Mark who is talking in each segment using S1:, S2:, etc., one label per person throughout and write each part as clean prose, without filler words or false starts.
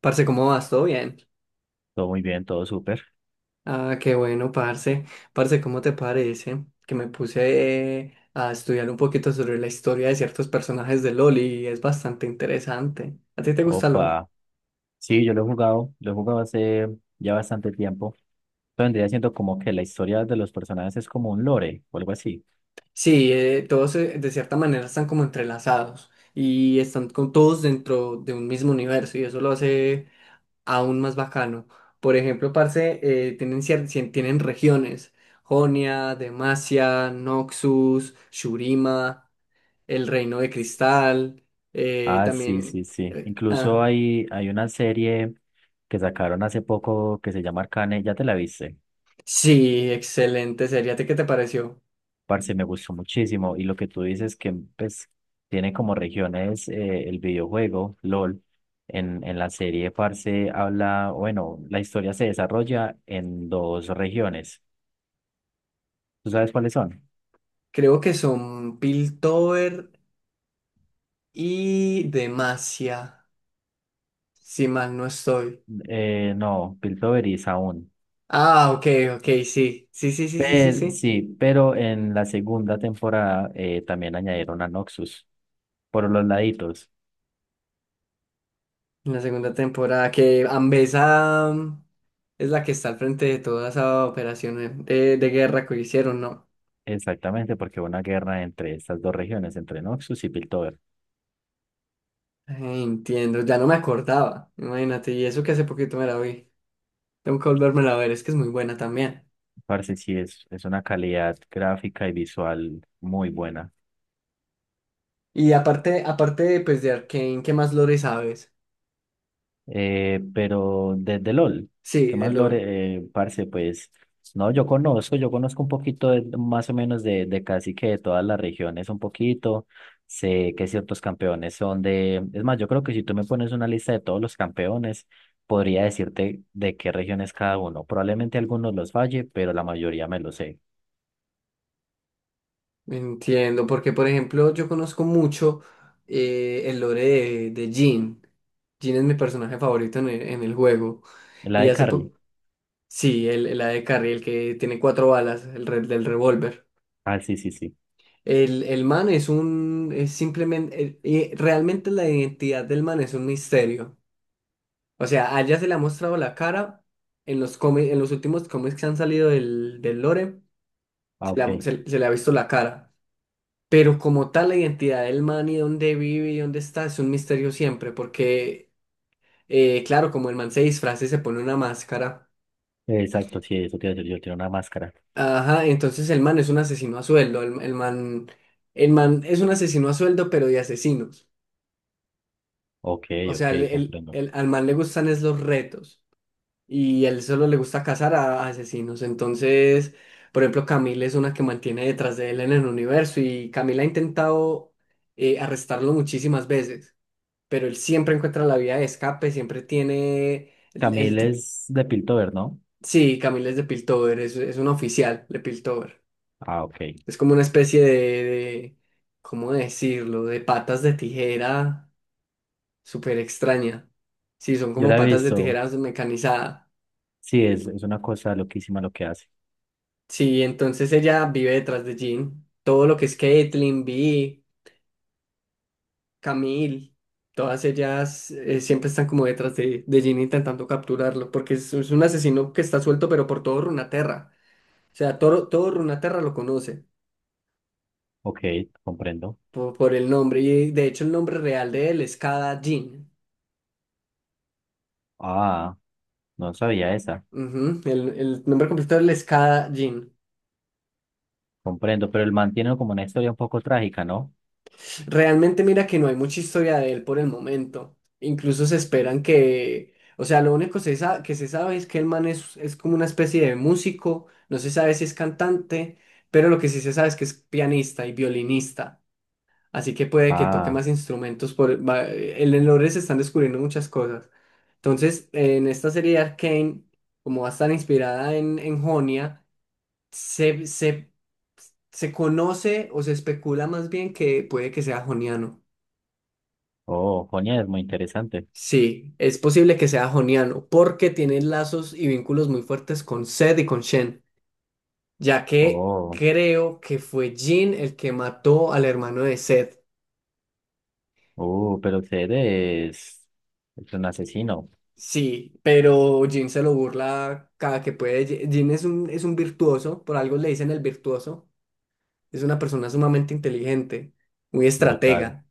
S1: Parce, ¿cómo vas? ¿Todo bien?
S2: Todo muy bien, todo súper.
S1: Ah, qué bueno, parce. Parce, ¿cómo te parece que me puse a estudiar un poquito sobre la historia de ciertos personajes de LOL y es bastante interesante? ¿A ti te gusta LOL?
S2: Opa. Sí, yo lo he jugado hace ya bastante tiempo, entonces vendría siendo como que la historia de los personajes es como un lore o algo así.
S1: Sí, todos de cierta manera están como entrelazados y están con todos dentro de un mismo universo y eso lo hace aún más bacano. Por ejemplo, parce, tienen, tienen regiones. Jonia, Demacia, Noxus, Shurima. El Reino de Cristal, eh,
S2: Ah, sí,
S1: también...
S2: sí, sí.
S1: eh,
S2: Incluso
S1: ah,
S2: hay una serie que sacaron hace poco que se llama Arcane, ya te la viste.
S1: sí, excelente serie. ¿A ti qué te pareció?
S2: Parce, me gustó muchísimo. Y lo que tú dices que pues tiene como regiones, el videojuego, LOL. En la serie, parce, habla, bueno, la historia se desarrolla en dos regiones. ¿Tú sabes cuáles son?
S1: Creo que son Piltover y Demacia, si mal no estoy.
S2: No, Piltover aún.
S1: Ah, ok, ok, sí. Sí, sí, sí, sí, sí,
S2: Pero,
S1: sí.
S2: sí, pero en la segunda temporada, también añadieron a Noxus por los laditos.
S1: En la segunda temporada, que Ambesa es la que está al frente de toda esa operación de guerra que hicieron, ¿no?
S2: Exactamente, porque hubo una guerra entre estas dos regiones, entre Noxus y Piltover.
S1: Eh, entiendo, ya no me acordaba, imagínate, y eso que hace poquito me la vi. Tengo que volvérmela a ver, es que es muy buena también.
S2: Parece sí es, una calidad gráfica y visual muy buena.
S1: Y aparte, aparte pues, de Arcane, ¿qué más lore sabes?
S2: Pero desde LOL,
S1: Sí,
S2: ¿qué
S1: de
S2: más
S1: lore.
S2: lore, parce? Pues no, yo conozco, un poquito más o menos de casi que de todas las regiones, un poquito. Sé que ciertos campeones son de. Es más, yo creo que si tú me pones una lista de todos los campeones, podría decirte de qué región es cada uno. Probablemente algunos los falle, pero la mayoría me lo sé.
S1: Entiendo, porque por ejemplo, yo conozco mucho el lore de Jhin. Jhin es mi personaje favorito en el juego.
S2: La
S1: Y
S2: de
S1: hace
S2: Carrie.
S1: poco. Sí, el AD Carry, el que tiene cuatro balas, del revólver.
S2: Ah, sí, sí, sí.
S1: El man es un. Es simplemente. Y realmente la identidad del man es un misterio. O sea, a ella se le ha mostrado la cara en los cómics, en los últimos cómics que han salido del lore,
S2: Ah, ok.
S1: se le ha visto la cara. Pero como tal, la identidad del man y dónde vive y dónde está es un misterio siempre, porque, claro, como el man se disfraza y se pone una máscara,
S2: Exacto, sí, eso tiene, yo tiene una máscara.
S1: ajá, entonces el man es un asesino a sueldo, el man es un asesino a sueldo, pero de asesinos.
S2: Ok,
S1: O sea,
S2: ok, comprendo.
S1: al man le gustan es los retos. Y él solo le gusta cazar a asesinos. Entonces, por ejemplo, Camila es una que mantiene detrás de él en el universo y Camila ha intentado arrestarlo muchísimas veces, pero él siempre encuentra la vía de escape, siempre tiene el...
S2: Camille es de Piltover, ¿no?
S1: sí, Camila es de Piltover, es una oficial de Piltover.
S2: Ah, ok.
S1: Es como una especie ¿cómo decirlo? De patas de tijera súper extraña. Sí, son
S2: Yo
S1: como
S2: la he
S1: patas de
S2: visto.
S1: tijeras mecanizadas.
S2: Sí, es, una cosa loquísima lo que hace.
S1: Sí, entonces ella vive detrás de Jean. Todo lo que es Caitlyn, Vi, Camille, todas ellas siempre están como detrás de Jean intentando capturarlo, porque es un asesino que está suelto, pero por todo Runaterra. O sea, todo, todo Runaterra lo conoce
S2: Ok, comprendo.
S1: por el nombre, y de hecho el nombre real de él es Cada Jean.
S2: Ah, no sabía esa.
S1: Ujú. El nombre completo de él es Cada.
S2: Comprendo, pero el man tiene como una historia un poco trágica, ¿no?
S1: Realmente mira que no hay mucha historia de él por el momento. Incluso se esperan que, o sea, lo único que se sabe es que el man es como una especie de músico, no se sabe si es cantante, pero lo que sí se sabe es que es pianista y violinista, así que puede que toque
S2: Ah,
S1: más instrumentos. En el lore se están descubriendo muchas cosas. Entonces, en esta serie de Arcane, como va a estar inspirada en Jonia, se, se, se conoce o se especula más bien que puede que sea joniano.
S2: oh, coña, es muy interesante.
S1: Sí, es posible que sea joniano, porque tiene lazos y vínculos muy fuertes con Sed y con Shen, ya que
S2: Oh,
S1: creo que fue Jin el que mató al hermano de Sed.
S2: pero usted es un asesino.
S1: Sí, pero Jin se lo burla cada que puede. Jin es un virtuoso, por algo le dicen el virtuoso. Es una persona sumamente inteligente, muy
S2: Brutal.
S1: estratega.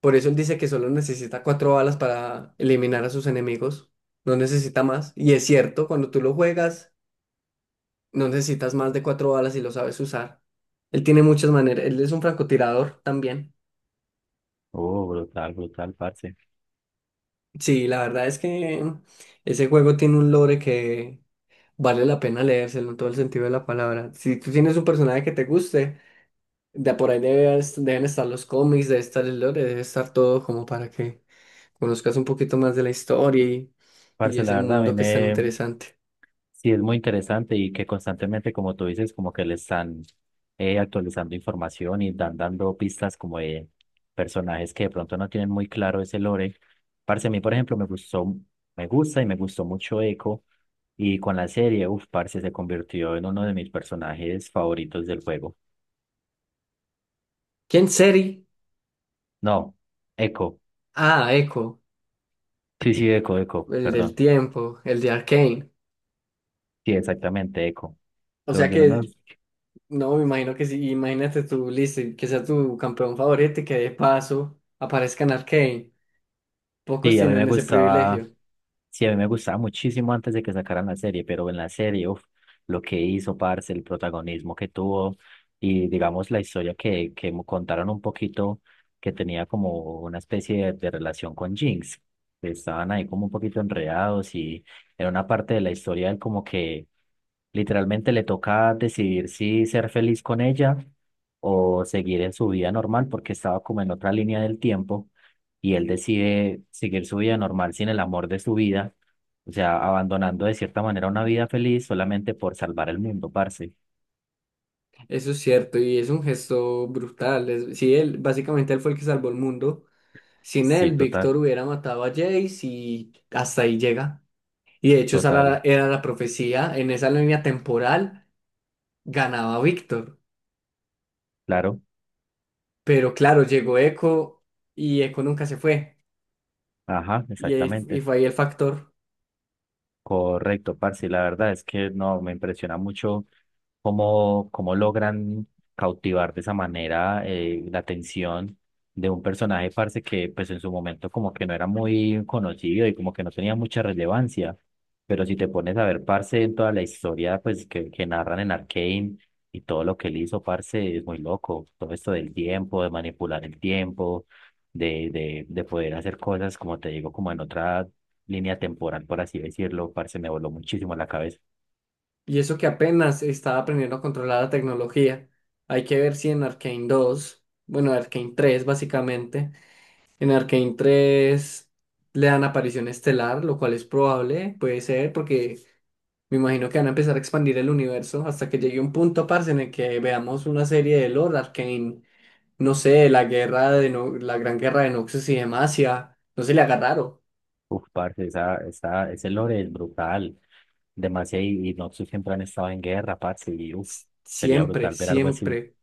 S1: Por eso él dice que solo necesita cuatro balas para eliminar a sus enemigos. No necesita más. Y es cierto, cuando tú lo juegas. No necesitas más de cuatro balas si lo sabes usar. Él tiene muchas maneras. Él es un francotirador también.
S2: Oh, brutal, brutal, parce.
S1: Sí, la verdad es que ese juego tiene un lore que vale la pena leérselo en todo el sentido de la palabra. Si tú tienes un personaje que te guste, de por ahí deben estar los cómics, debe estar el lore, debe estar todo como para que conozcas un poquito más de la historia
S2: Parce,
S1: y
S2: la
S1: ese
S2: verdad, a mí
S1: mundo que es tan
S2: me,
S1: interesante.
S2: sí, es muy interesante y que constantemente, como tú dices, como que le están, actualizando información y dando pistas como de personajes que de pronto no tienen muy claro ese lore. Parce, a mí, por ejemplo, me gustó, me gusta y me gustó mucho Echo, y con la serie, uff, parce, se convirtió en uno de mis personajes favoritos del juego.
S1: ¿Quién sería?
S2: No, Echo,
S1: Ah, Echo,
S2: sí, sí, Echo, Echo,
S1: el del
S2: perdón.
S1: tiempo, el de Arcane.
S2: Sí, exactamente, Echo.
S1: O
S2: Se
S1: sea
S2: volvió uno
S1: que
S2: nos,
S1: no, me imagino que sí. Imagínate tú, listo, y que sea tu campeón favorito y que de paso aparezca en Arcane. Pocos
S2: sí, a mí me
S1: tienen ese
S2: gustaba,
S1: privilegio.
S2: sí, a mí me gustaba muchísimo antes de que sacaran la serie, pero en la serie, uf, lo que hizo, parce, el protagonismo que tuvo y digamos la historia que, me contaron un poquito, que tenía como una especie de relación con Jinx. Estaban ahí como un poquito enredados y en una parte de la historia él como que literalmente le toca decidir si ser feliz con ella o seguir en su vida normal porque estaba como en otra línea del tiempo, y él decide seguir su vida normal sin el amor de su vida, o sea, abandonando de cierta manera una vida feliz solamente por salvar el mundo, parce.
S1: Eso es cierto y es un gesto brutal. Sí, él, básicamente él fue el que salvó el mundo. Sin
S2: Sí,
S1: él,
S2: total,
S1: Víctor hubiera matado a Jace y hasta ahí llega. Y de hecho, esa era,
S2: total,
S1: era la profecía. En esa línea temporal ganaba Víctor.
S2: claro,
S1: Pero claro, llegó Echo y Echo nunca se fue.
S2: ajá,
S1: Y, y
S2: exactamente.
S1: fue ahí el factor.
S2: Correcto, parce. La verdad es que no, me impresiona mucho cómo, logran cautivar de esa manera, la atención de un personaje, parce, que pues en su momento como que no era muy conocido y como que no tenía mucha relevancia. Pero si te pones a ver, parce, en toda la historia pues que, narran en Arcane, y todo lo que él hizo, parce, es muy loco. Todo esto del tiempo, de manipular el tiempo, de poder hacer cosas, como te digo, como en otra línea temporal, por así decirlo, parce, me voló muchísimo la cabeza.
S1: Y eso que apenas estaba aprendiendo a controlar la tecnología. Hay que ver si en Arcane 2 bueno, Arcane 3 básicamente, en Arcane 3 le dan aparición estelar, lo cual es probable, puede ser, porque me imagino que van a empezar a expandir el universo hasta que llegue un punto, parce, en el que veamos una serie de lore Arcane, no sé, la guerra de No- la gran guerra de Noxus y Demacia, no se le haga raro.
S2: Uf, parce, ese lore es brutal, demasiado, y Noxus siempre han estado en guerra, parce, y uf, sería
S1: Siempre,
S2: brutal ver algo así.
S1: siempre.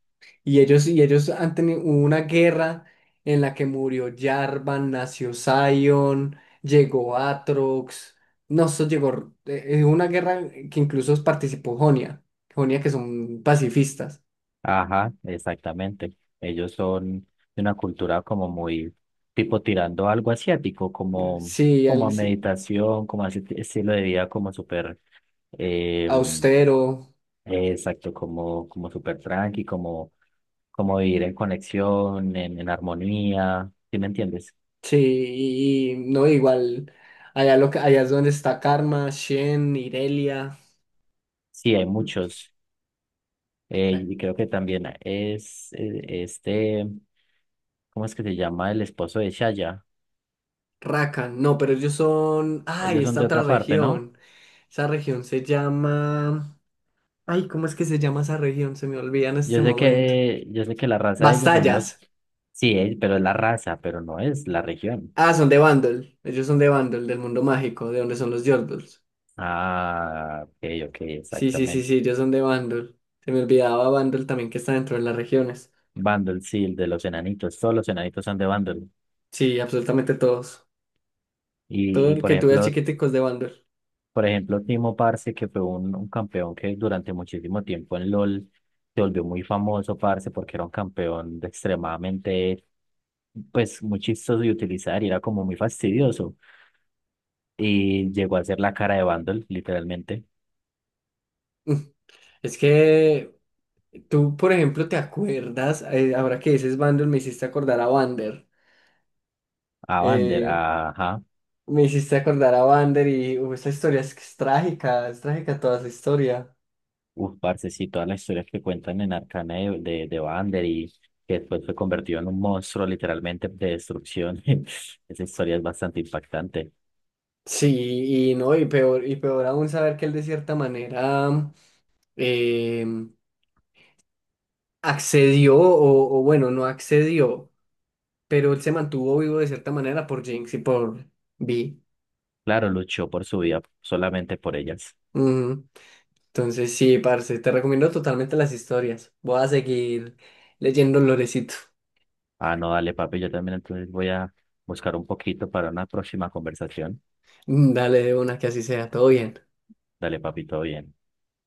S1: Y ellos han tenido hubo una guerra en la que murió Jarvan, nació Sion, llegó Aatrox. No, eso llegó. Una guerra que incluso participó Jonia. Jonia que son pacifistas.
S2: Ajá, exactamente. Ellos son de una cultura como muy tipo tirando algo asiático, como,
S1: Sí,
S2: como, a
S1: sí,
S2: meditación, como a ese estilo de vida como súper, em,
S1: austero.
S2: exacto, como, como, súper tranqui, como vivir en conexión, en armonía, ¿sí me entiendes?
S1: Sí, y no, igual. Allá, allá es donde está Karma, Shen, Irelia,
S2: Sí, hay muchos.
S1: eh,
S2: Y creo que también es, ¿cómo es que se llama? El esposo de Shaya.
S1: Rakan. No, pero ellos son. ¡Ay!
S2: Ellos son
S1: Esta
S2: de otra
S1: otra
S2: parte, ¿no?
S1: región. Esa región se llama. Ay, ¿cómo es que se llama esa región? Se me olvida en este
S2: Yo sé
S1: momento.
S2: que, la raza de ellos son los,
S1: Bastallas.
S2: sí, es pero es la raza, pero no es la región.
S1: Ah, son de Vandal. Ellos son de Vandal, del mundo mágico, de donde son los Yordles.
S2: Ah, ok, ok,
S1: Sí, sí, sí, sí,
S2: exactamente.
S1: ellos son de Vandal. Se me olvidaba Vandal también que está dentro de las regiones.
S2: Vandal, sí, el de los enanitos, todos los enanitos son de Vandal.
S1: Sí, absolutamente todos. Todo
S2: y,
S1: el
S2: por
S1: que tú veas
S2: ejemplo,
S1: chiquiticos de Vandal.
S2: por ejemplo, Timo Parce, que fue un campeón que durante muchísimo tiempo en LOL se volvió muy famoso, parce, porque era un campeón de extremadamente, pues, muy chistoso de utilizar y era como muy fastidioso. Y llegó a ser la cara de Vandal, literalmente.
S1: Es que tú, por ejemplo, te acuerdas, ahora que dices Vandal, me hiciste acordar a Vander.
S2: A Vander,
S1: Eh,
S2: ajá.
S1: me hiciste acordar a Vander y esa historia es, que es trágica toda esa historia.
S2: Uf, parce, sí, todas las historias que cuentan en Arcane de, Vander, y que después fue convertido en un monstruo literalmente de destrucción. Esa historia es bastante impactante.
S1: Sí, y no, y peor aún saber que él de cierta manera em, accedió, o bueno, no accedió, pero él se mantuvo vivo de cierta manera por Jinx y por Vi.
S2: Claro, luchó por su vida, solamente por ellas.
S1: Ujú. Entonces, sí, parce, te recomiendo totalmente las historias. Voy a seguir leyendo Lorecito.
S2: Ah, no, dale, papi, yo también entonces voy a buscar un poquito para una próxima conversación.
S1: Mm, dale de una que así sea, todo bien.
S2: Dale, papi, todo bien.